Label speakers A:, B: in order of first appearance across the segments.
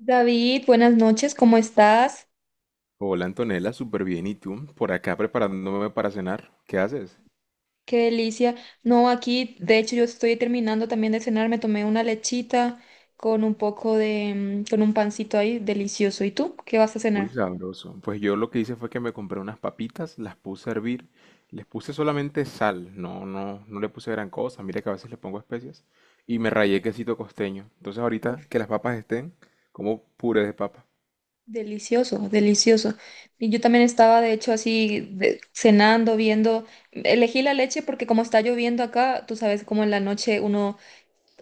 A: David, buenas noches, ¿cómo estás?
B: Hola Antonella, súper bien. ¿Y tú? Por acá preparándome para cenar. ¿Qué haces?
A: Qué delicia. No, aquí, de hecho, yo estoy terminando también de cenar, me tomé una lechita con un poco de con un pancito ahí, delicioso. ¿Y tú? ¿Qué vas a
B: Muy
A: cenar?
B: sabroso. Pues yo lo que hice fue que me compré unas papitas, las puse a hervir, les puse solamente sal, no, no, no le puse gran cosa. Mira que a veces le pongo especias y me rayé
A: Sí.
B: quesito costeño. Entonces
A: Uf,
B: ahorita que las papas estén, como puré de papa.
A: delicioso, delicioso. Y yo también estaba, de hecho, cenando, viendo, elegí la leche porque como está lloviendo acá, tú sabes cómo en la noche uno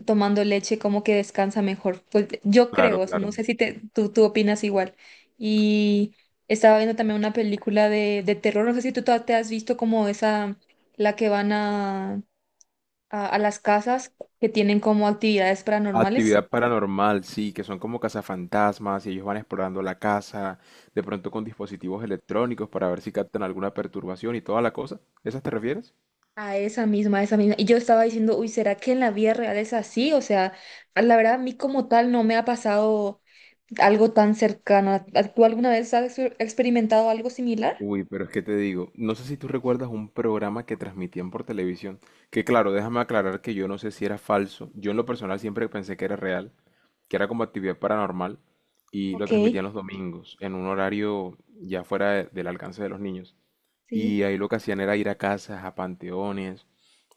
A: tomando leche como que descansa mejor. Pues yo
B: Claro,
A: creo, o sea,
B: claro.
A: no sé si tú opinas igual. Y estaba viendo también una película de terror, no sé si te has visto como esa, la que van a las casas que tienen como actividades paranormales.
B: Actividad paranormal, sí, que son como cazafantasmas y ellos van explorando la casa, de pronto con dispositivos electrónicos para ver si captan alguna perturbación y toda la cosa. ¿Esas te refieres?
A: A esa misma, a esa misma. Y yo estaba diciendo, uy, ¿será que en la vida real es así? O sea, a la verdad, a mí como tal no me ha pasado algo tan cercano. ¿Tú alguna vez has experimentado algo similar?
B: Uy, pero es que te digo, no sé si tú recuerdas un programa que transmitían por televisión, que claro, déjame aclarar que yo no sé si era falso, yo en lo personal siempre pensé que era real, que era como actividad paranormal, y lo
A: Ok,
B: transmitían los domingos, en un horario ya fuera del alcance de los niños.
A: sí.
B: Y ahí lo que hacían era ir a casas, a panteones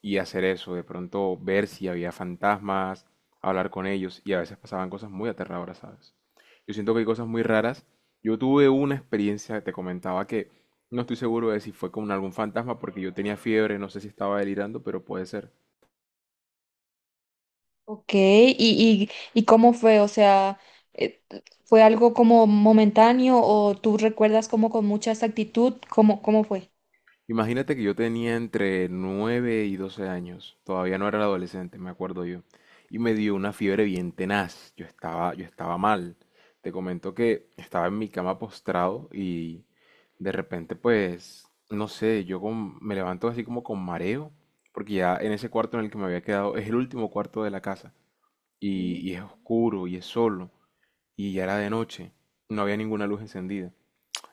B: y hacer eso, de pronto ver si había fantasmas, hablar con ellos y a veces pasaban cosas muy aterradoras, ¿sabes? Yo siento que hay cosas muy raras. Yo tuve una experiencia, te comentaba que no estoy seguro de si fue con algún fantasma porque yo tenía fiebre, no sé si estaba delirando, pero puede ser.
A: Ok, ¿y cómo fue? O sea, eh, ¿fue algo como momentáneo o tú recuerdas como con mucha exactitud? ¿Cómo, cómo fue?
B: Imagínate que yo tenía entre 9 y 12 años, todavía no era adolescente, me acuerdo yo, y me dio una fiebre bien tenaz, yo estaba mal. Te comento que estaba en mi cama postrado y de repente pues, no sé, me levanto así como con mareo, porque ya en ese cuarto en el que me había quedado es el último cuarto de la casa
A: Sí.
B: y es oscuro y es solo y ya era de noche, no había ninguna luz encendida.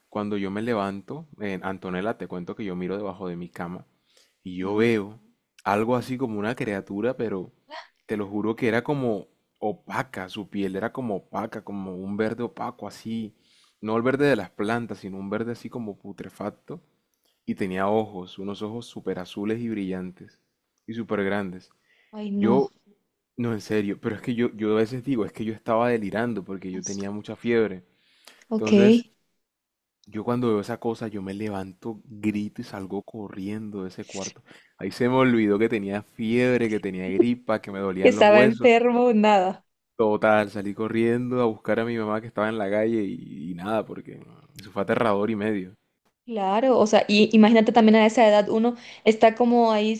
B: Cuando yo me levanto, Antonella, te cuento que yo miro debajo de mi cama y yo
A: Ajá.
B: veo algo así como una criatura, pero te lo juro que era como opaca, su piel era como opaca, como un verde opaco así, no el verde de las plantas, sino un verde así como putrefacto, y tenía ojos, unos ojos súper azules y brillantes, y súper grandes.
A: Ay,
B: Yo,
A: no.
B: no en serio, pero es que yo a veces digo, es que yo estaba delirando porque yo
A: es-
B: tenía mucha fiebre.
A: Ok.
B: Entonces, yo cuando veo esa cosa, yo me levanto, grito y salgo corriendo de ese cuarto. Ahí se me olvidó que tenía fiebre, que tenía gripa, que me dolían los
A: Estaba
B: huesos.
A: enfermo, nada.
B: Total, salí corriendo a buscar a mi mamá que estaba en la calle y nada, porque eso fue aterrador y medio.
A: Claro, o sea, y imagínate también a esa edad uno está como ahí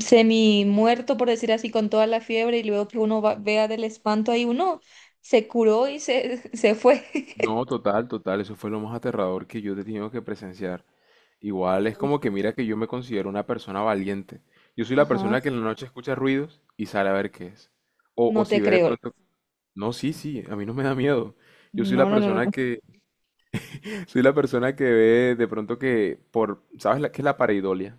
A: semi muerto, por decir así, con toda la fiebre y luego que uno vea del espanto, ahí uno se curó y se fue.
B: No, total, total, eso fue lo más aterrador que yo he tenido que presenciar. Igual es
A: Uy.
B: como que mira que yo me considero una persona valiente. Yo soy la
A: Ajá,
B: persona que en la noche escucha ruidos y sale a ver qué es. O
A: no
B: si
A: te
B: ve de
A: creo.
B: pronto... No, sí, sí, a mí no me da miedo. Yo soy la
A: No, no, no, no,
B: persona
A: no.
B: que, soy la persona que ve de pronto que por, ¿sabes la, qué es la pareidolia?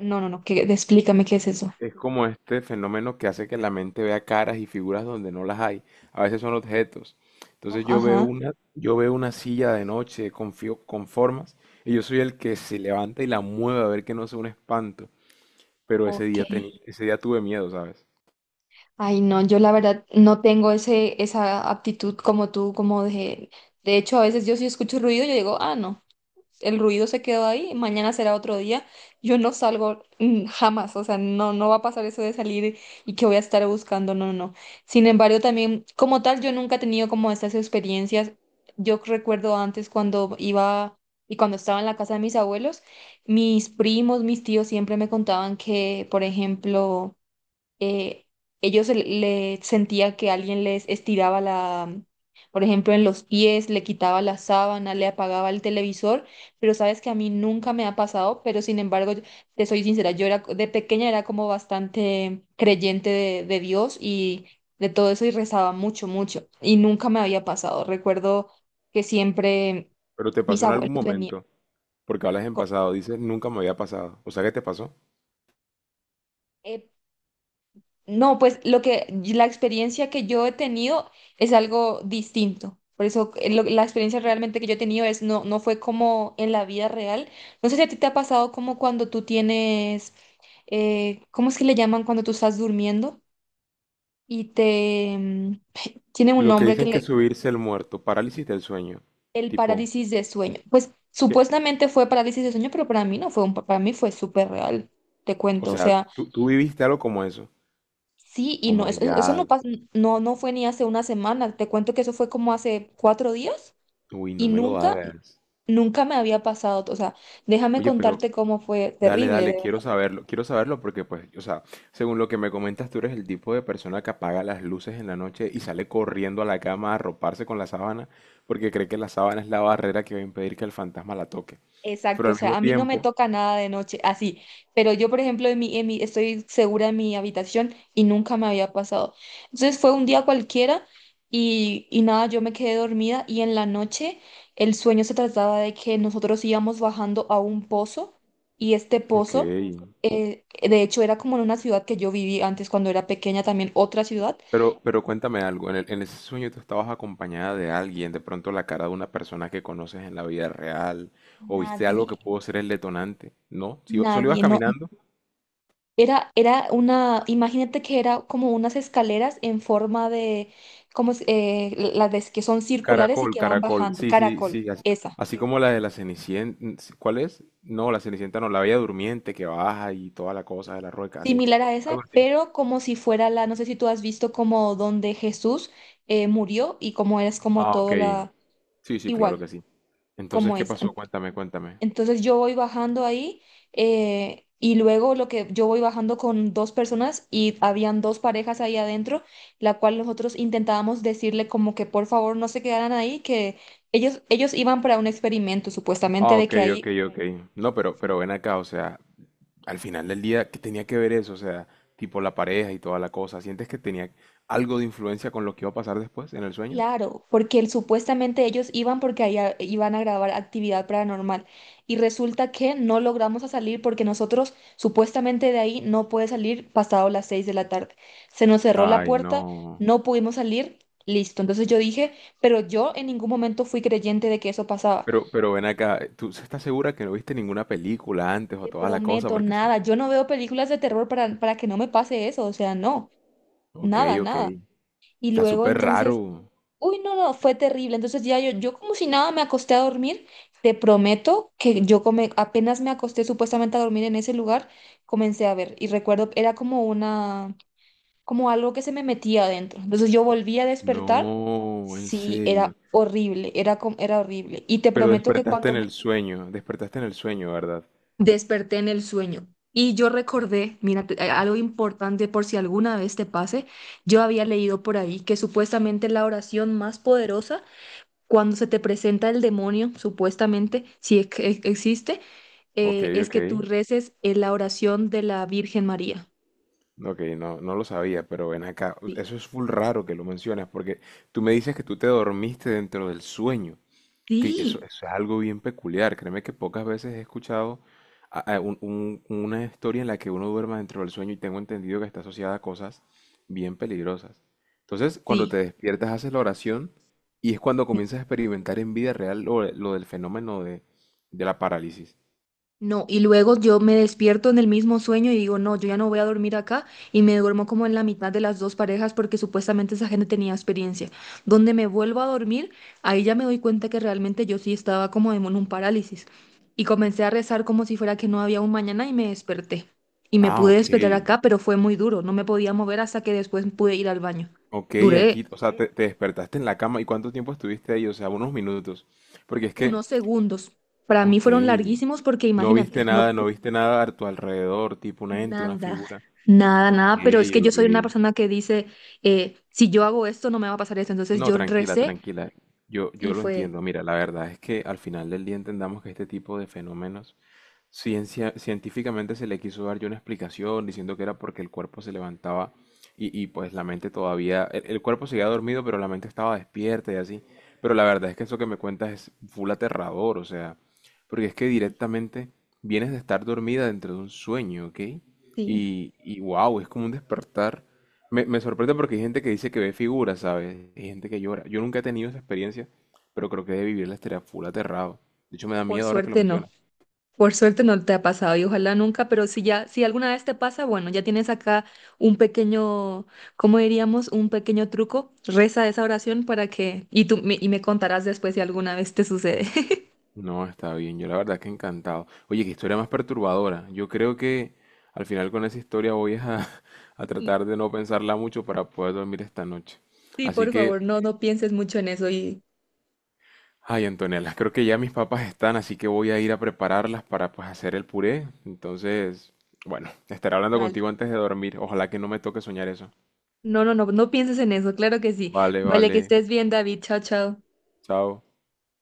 A: No, no, no, que, explícame qué es eso.
B: Es como este fenómeno que hace que la mente vea caras y figuras donde no las hay. A veces son objetos.
A: Oh,
B: Entonces yo veo
A: ajá,
B: una, yo veo una silla de noche con formas y yo soy el que se levanta y la mueve a ver que no sea un espanto. Pero ese día teni-
A: ok.
B: ese día tuve miedo, ¿sabes?
A: Ay, no, yo la verdad no tengo ese, esa aptitud como tú, como de... De hecho, a veces yo si escucho ruido, yo digo, ah, no, el ruido se quedó ahí, mañana será otro día, yo no salgo jamás, o sea, no, no va a pasar eso de salir y que voy a estar buscando, no, no, no. Sin embargo, también como tal, yo nunca he tenido como estas experiencias. Yo recuerdo antes cuando iba y cuando estaba en la casa de mis abuelos, mis primos, mis tíos siempre me contaban que, por ejemplo, eh, sentía que alguien les estiraba la, por ejemplo, en los pies, le quitaba la sábana, le apagaba el televisor, pero sabes que a mí nunca me ha pasado, pero sin embargo, te soy sincera, yo era, de pequeña era como bastante creyente de Dios y de todo eso y rezaba mucho, mucho, y nunca me había pasado. Recuerdo que siempre
B: Pero te
A: mis
B: pasó en
A: abuelos
B: algún
A: venían.
B: momento, porque hablas en pasado, dices nunca me había pasado. O sea, ¿qué te pasó?
A: No, pues lo que la experiencia que yo he tenido es algo distinto. Por eso la experiencia realmente que yo he tenido es no, no fue como en la vida real. No sé si a ti te ha pasado como cuando tú tienes, ¿cómo es que le llaman cuando tú estás durmiendo? Y te tiene un
B: Lo que
A: nombre que
B: dicen que
A: le,
B: subirse el muerto, parálisis del sueño.
A: el
B: Tipo,
A: parálisis de sueño. Pues
B: que.
A: supuestamente fue parálisis de sueño, pero para mí no fue un, para mí fue súper real, te
B: O
A: cuento. O
B: sea,
A: sea.
B: tú viviste algo como eso.
A: Sí, y
B: Oh
A: no,
B: my
A: eso,
B: God.
A: no, no fue ni hace una semana. Te cuento que eso fue como hace 4 días
B: Uy,
A: y
B: no me lo
A: nunca,
B: hagas.
A: nunca me había pasado. O sea, déjame
B: Oye, pero
A: contarte cómo fue
B: dale,
A: terrible.
B: dale,
A: De
B: quiero saberlo. Quiero saberlo porque, pues, o sea, según lo que me comentas, tú eres el tipo de persona que apaga las luces en la noche y sale corriendo a la cama a arroparse con la sábana porque cree que la sábana es la barrera que va a impedir que el fantasma la toque. Pero
A: exacto, o
B: al
A: sea,
B: mismo
A: a mí no me
B: tiempo,
A: toca nada de noche, así, pero yo, por ejemplo, estoy segura en mi habitación y nunca me había pasado. Entonces fue un día cualquiera y nada, yo me quedé dormida y en la noche el sueño se trataba de que nosotros íbamos bajando a un pozo y este
B: ok,
A: pozo, de hecho, era como en una ciudad que yo viví antes cuando era pequeña, también otra ciudad.
B: pero cuéntame algo, en ese sueño tú estabas acompañada de alguien, de pronto la cara de una persona que conoces en la vida real, o viste algo que
A: Nadie,
B: pudo ser el detonante, ¿no? Si solo ibas
A: nadie, no.
B: caminando,
A: Era, era una, imagínate que era como unas escaleras en forma de, como es- las de- que son circulares y
B: caracol,
A: que van
B: caracol,
A: bajando,
B: sí, sí,
A: caracol,
B: sí, así,
A: esa,
B: así como la de la Cenicienta, ¿cuál es? No, la Cenicienta no, la Bella Durmiente que baja y toda la cosa de la rueca, así,
A: similar a
B: algo
A: esa,
B: así.
A: pero como si fuera la, no sé si tú has visto como donde Jesús murió y como es como
B: Ah, ok,
A: todo la,
B: sí, sí, claro
A: igual,
B: que sí. Entonces,
A: como
B: ¿qué
A: esa.
B: pasó? Cuéntame, cuéntame.
A: Entonces yo voy bajando ahí y luego lo que yo voy bajando con dos personas y habían dos parejas ahí adentro, la cual nosotros intentábamos decirle como que por favor no se quedaran ahí, que ellos iban para un experimento supuestamente
B: Ah,
A: de
B: ok,
A: que
B: ok,
A: ahí...
B: ok. No, pero ven acá, o sea, al final del día, ¿qué tenía que ver eso? O sea, tipo la pareja y toda la cosa. ¿Sientes que tenía algo de influencia con lo que iba a pasar después en el sueño?
A: Claro, porque supuestamente ellos iban porque allá iban a grabar actividad paranormal y resulta que no logramos a salir porque nosotros supuestamente de ahí no puede salir pasado las 6 de la tarde. Se nos cerró la
B: Ay,
A: puerta,
B: no.
A: no pudimos salir, listo. Entonces yo dije, pero yo en ningún momento fui creyente de que eso pasaba.
B: Pero ven acá, ¿tú estás segura que no viste ninguna película antes o
A: Te
B: toda la cosa?
A: prometo
B: Porque, sí.
A: nada, yo no veo películas de terror para que no me pase eso, o sea, no,
B: Ok,
A: nada,
B: ok.
A: nada. Y
B: Está
A: luego
B: súper
A: entonces...
B: raro.
A: Uy, no, no, fue terrible. Entonces ya yo como si nada me acosté a dormir. Te prometo que yo come, apenas me acosté supuestamente a dormir en ese lugar, comencé a ver. Y recuerdo, era como una, como algo que se me metía adentro. Entonces yo volví a despertar.
B: No, en
A: Sí, era
B: serio.
A: horrible, era horrible. Y te
B: Pero
A: prometo que
B: despertaste
A: cuando
B: en el
A: me
B: sueño, despertaste en el sueño, ¿verdad?
A: desperté en el sueño y yo recordé, mira, algo importante por si alguna vez te pase, yo había leído por ahí que supuestamente la oración más poderosa cuando se te presenta el demonio, supuestamente, si es que existe,
B: Ok,
A: es
B: ok.
A: que tú reces en la oración de la Virgen María.
B: Ok, no, no lo sabía, pero ven acá.
A: Sí,
B: Eso es full raro que lo mencionas, porque tú me dices que tú te dormiste dentro del sueño. Sí, eso,
A: sí,
B: eso es algo bien peculiar. Créeme que pocas veces he escuchado una historia en la que uno duerma dentro del sueño y tengo entendido que está asociada a cosas bien peligrosas. Entonces, cuando te
A: sí.
B: despiertas, haces la oración y es cuando comienzas a experimentar en vida real lo del fenómeno de la parálisis.
A: No, y luego yo me despierto en el mismo sueño y digo, no, yo ya no voy a dormir acá y me duermo como en la mitad de las dos parejas porque supuestamente esa gente tenía experiencia. Donde me vuelvo a dormir, ahí ya me doy cuenta que realmente yo sí estaba como en un parálisis y comencé a rezar como si fuera que no había un mañana y me desperté. Y me
B: Ah,
A: pude
B: ok.
A: despertar acá, pero fue muy duro, no me podía mover hasta que después pude ir al baño.
B: Ok,
A: Duré
B: aquí, o sea, te despertaste en la cama. ¿Y cuánto tiempo estuviste ahí? O sea, unos minutos. Porque es que,
A: unos segundos. Para mí
B: ok,
A: fueron larguísimos porque
B: no
A: imagínate,
B: viste
A: no,
B: nada, no viste nada a tu alrededor, tipo un ente, una
A: nada,
B: figura.
A: nada,
B: Ok,
A: nada, pero es que yo
B: ok.
A: soy una persona que dice, si yo hago esto, no me va a pasar esto. Entonces
B: No,
A: yo
B: tranquila,
A: recé
B: tranquila. Yo,
A: y
B: yo lo
A: fue,
B: entiendo. Mira, la verdad es que al final del día entendamos que este tipo de fenómenos ciencia, científicamente se le quiso dar yo una explicación diciendo que era porque el cuerpo se levantaba y pues la mente todavía, el cuerpo seguía dormido pero la mente estaba despierta y así. Pero la verdad es que eso que me cuentas es full aterrador, o sea, porque es que
A: sí,
B: directamente vienes de estar dormida dentro de un sueño, ¿ok?
A: sí,
B: Y wow, es como un despertar. Me sorprende porque hay gente que dice que ve figuras, ¿sabes? Hay gente que llora. Yo nunca he tenido esa experiencia, pero creo que de vivirla estaría full aterrado. De hecho, me da
A: por
B: miedo ahora que lo
A: suerte no,
B: mencionas.
A: por suerte no te ha pasado y ojalá nunca, pero si ya, si alguna vez te pasa, bueno, ya tienes acá un pequeño, ¿cómo diríamos? Un pequeño truco, reza esa oración para que, y tú, y me contarás después si alguna vez te sucede.
B: No, está bien. Yo la verdad que encantado. Oye, qué historia más perturbadora. Yo creo que al final con esa historia voy es a, a tratar de no pensarla mucho para poder dormir esta noche.
A: Sí,
B: Así
A: por
B: que,
A: favor, no, no pienses mucho en eso y
B: ay, Antonella, creo que ya mis papas están, así que voy a ir a prepararlas para pues hacer el puré. Entonces, bueno, estaré hablando
A: vale.
B: contigo antes de dormir. Ojalá que no me toque soñar eso.
A: No, no, no, no pienses en eso, claro que sí.
B: Vale,
A: Vale, que
B: vale.
A: estés bien, David. Chao, chao.
B: Chao.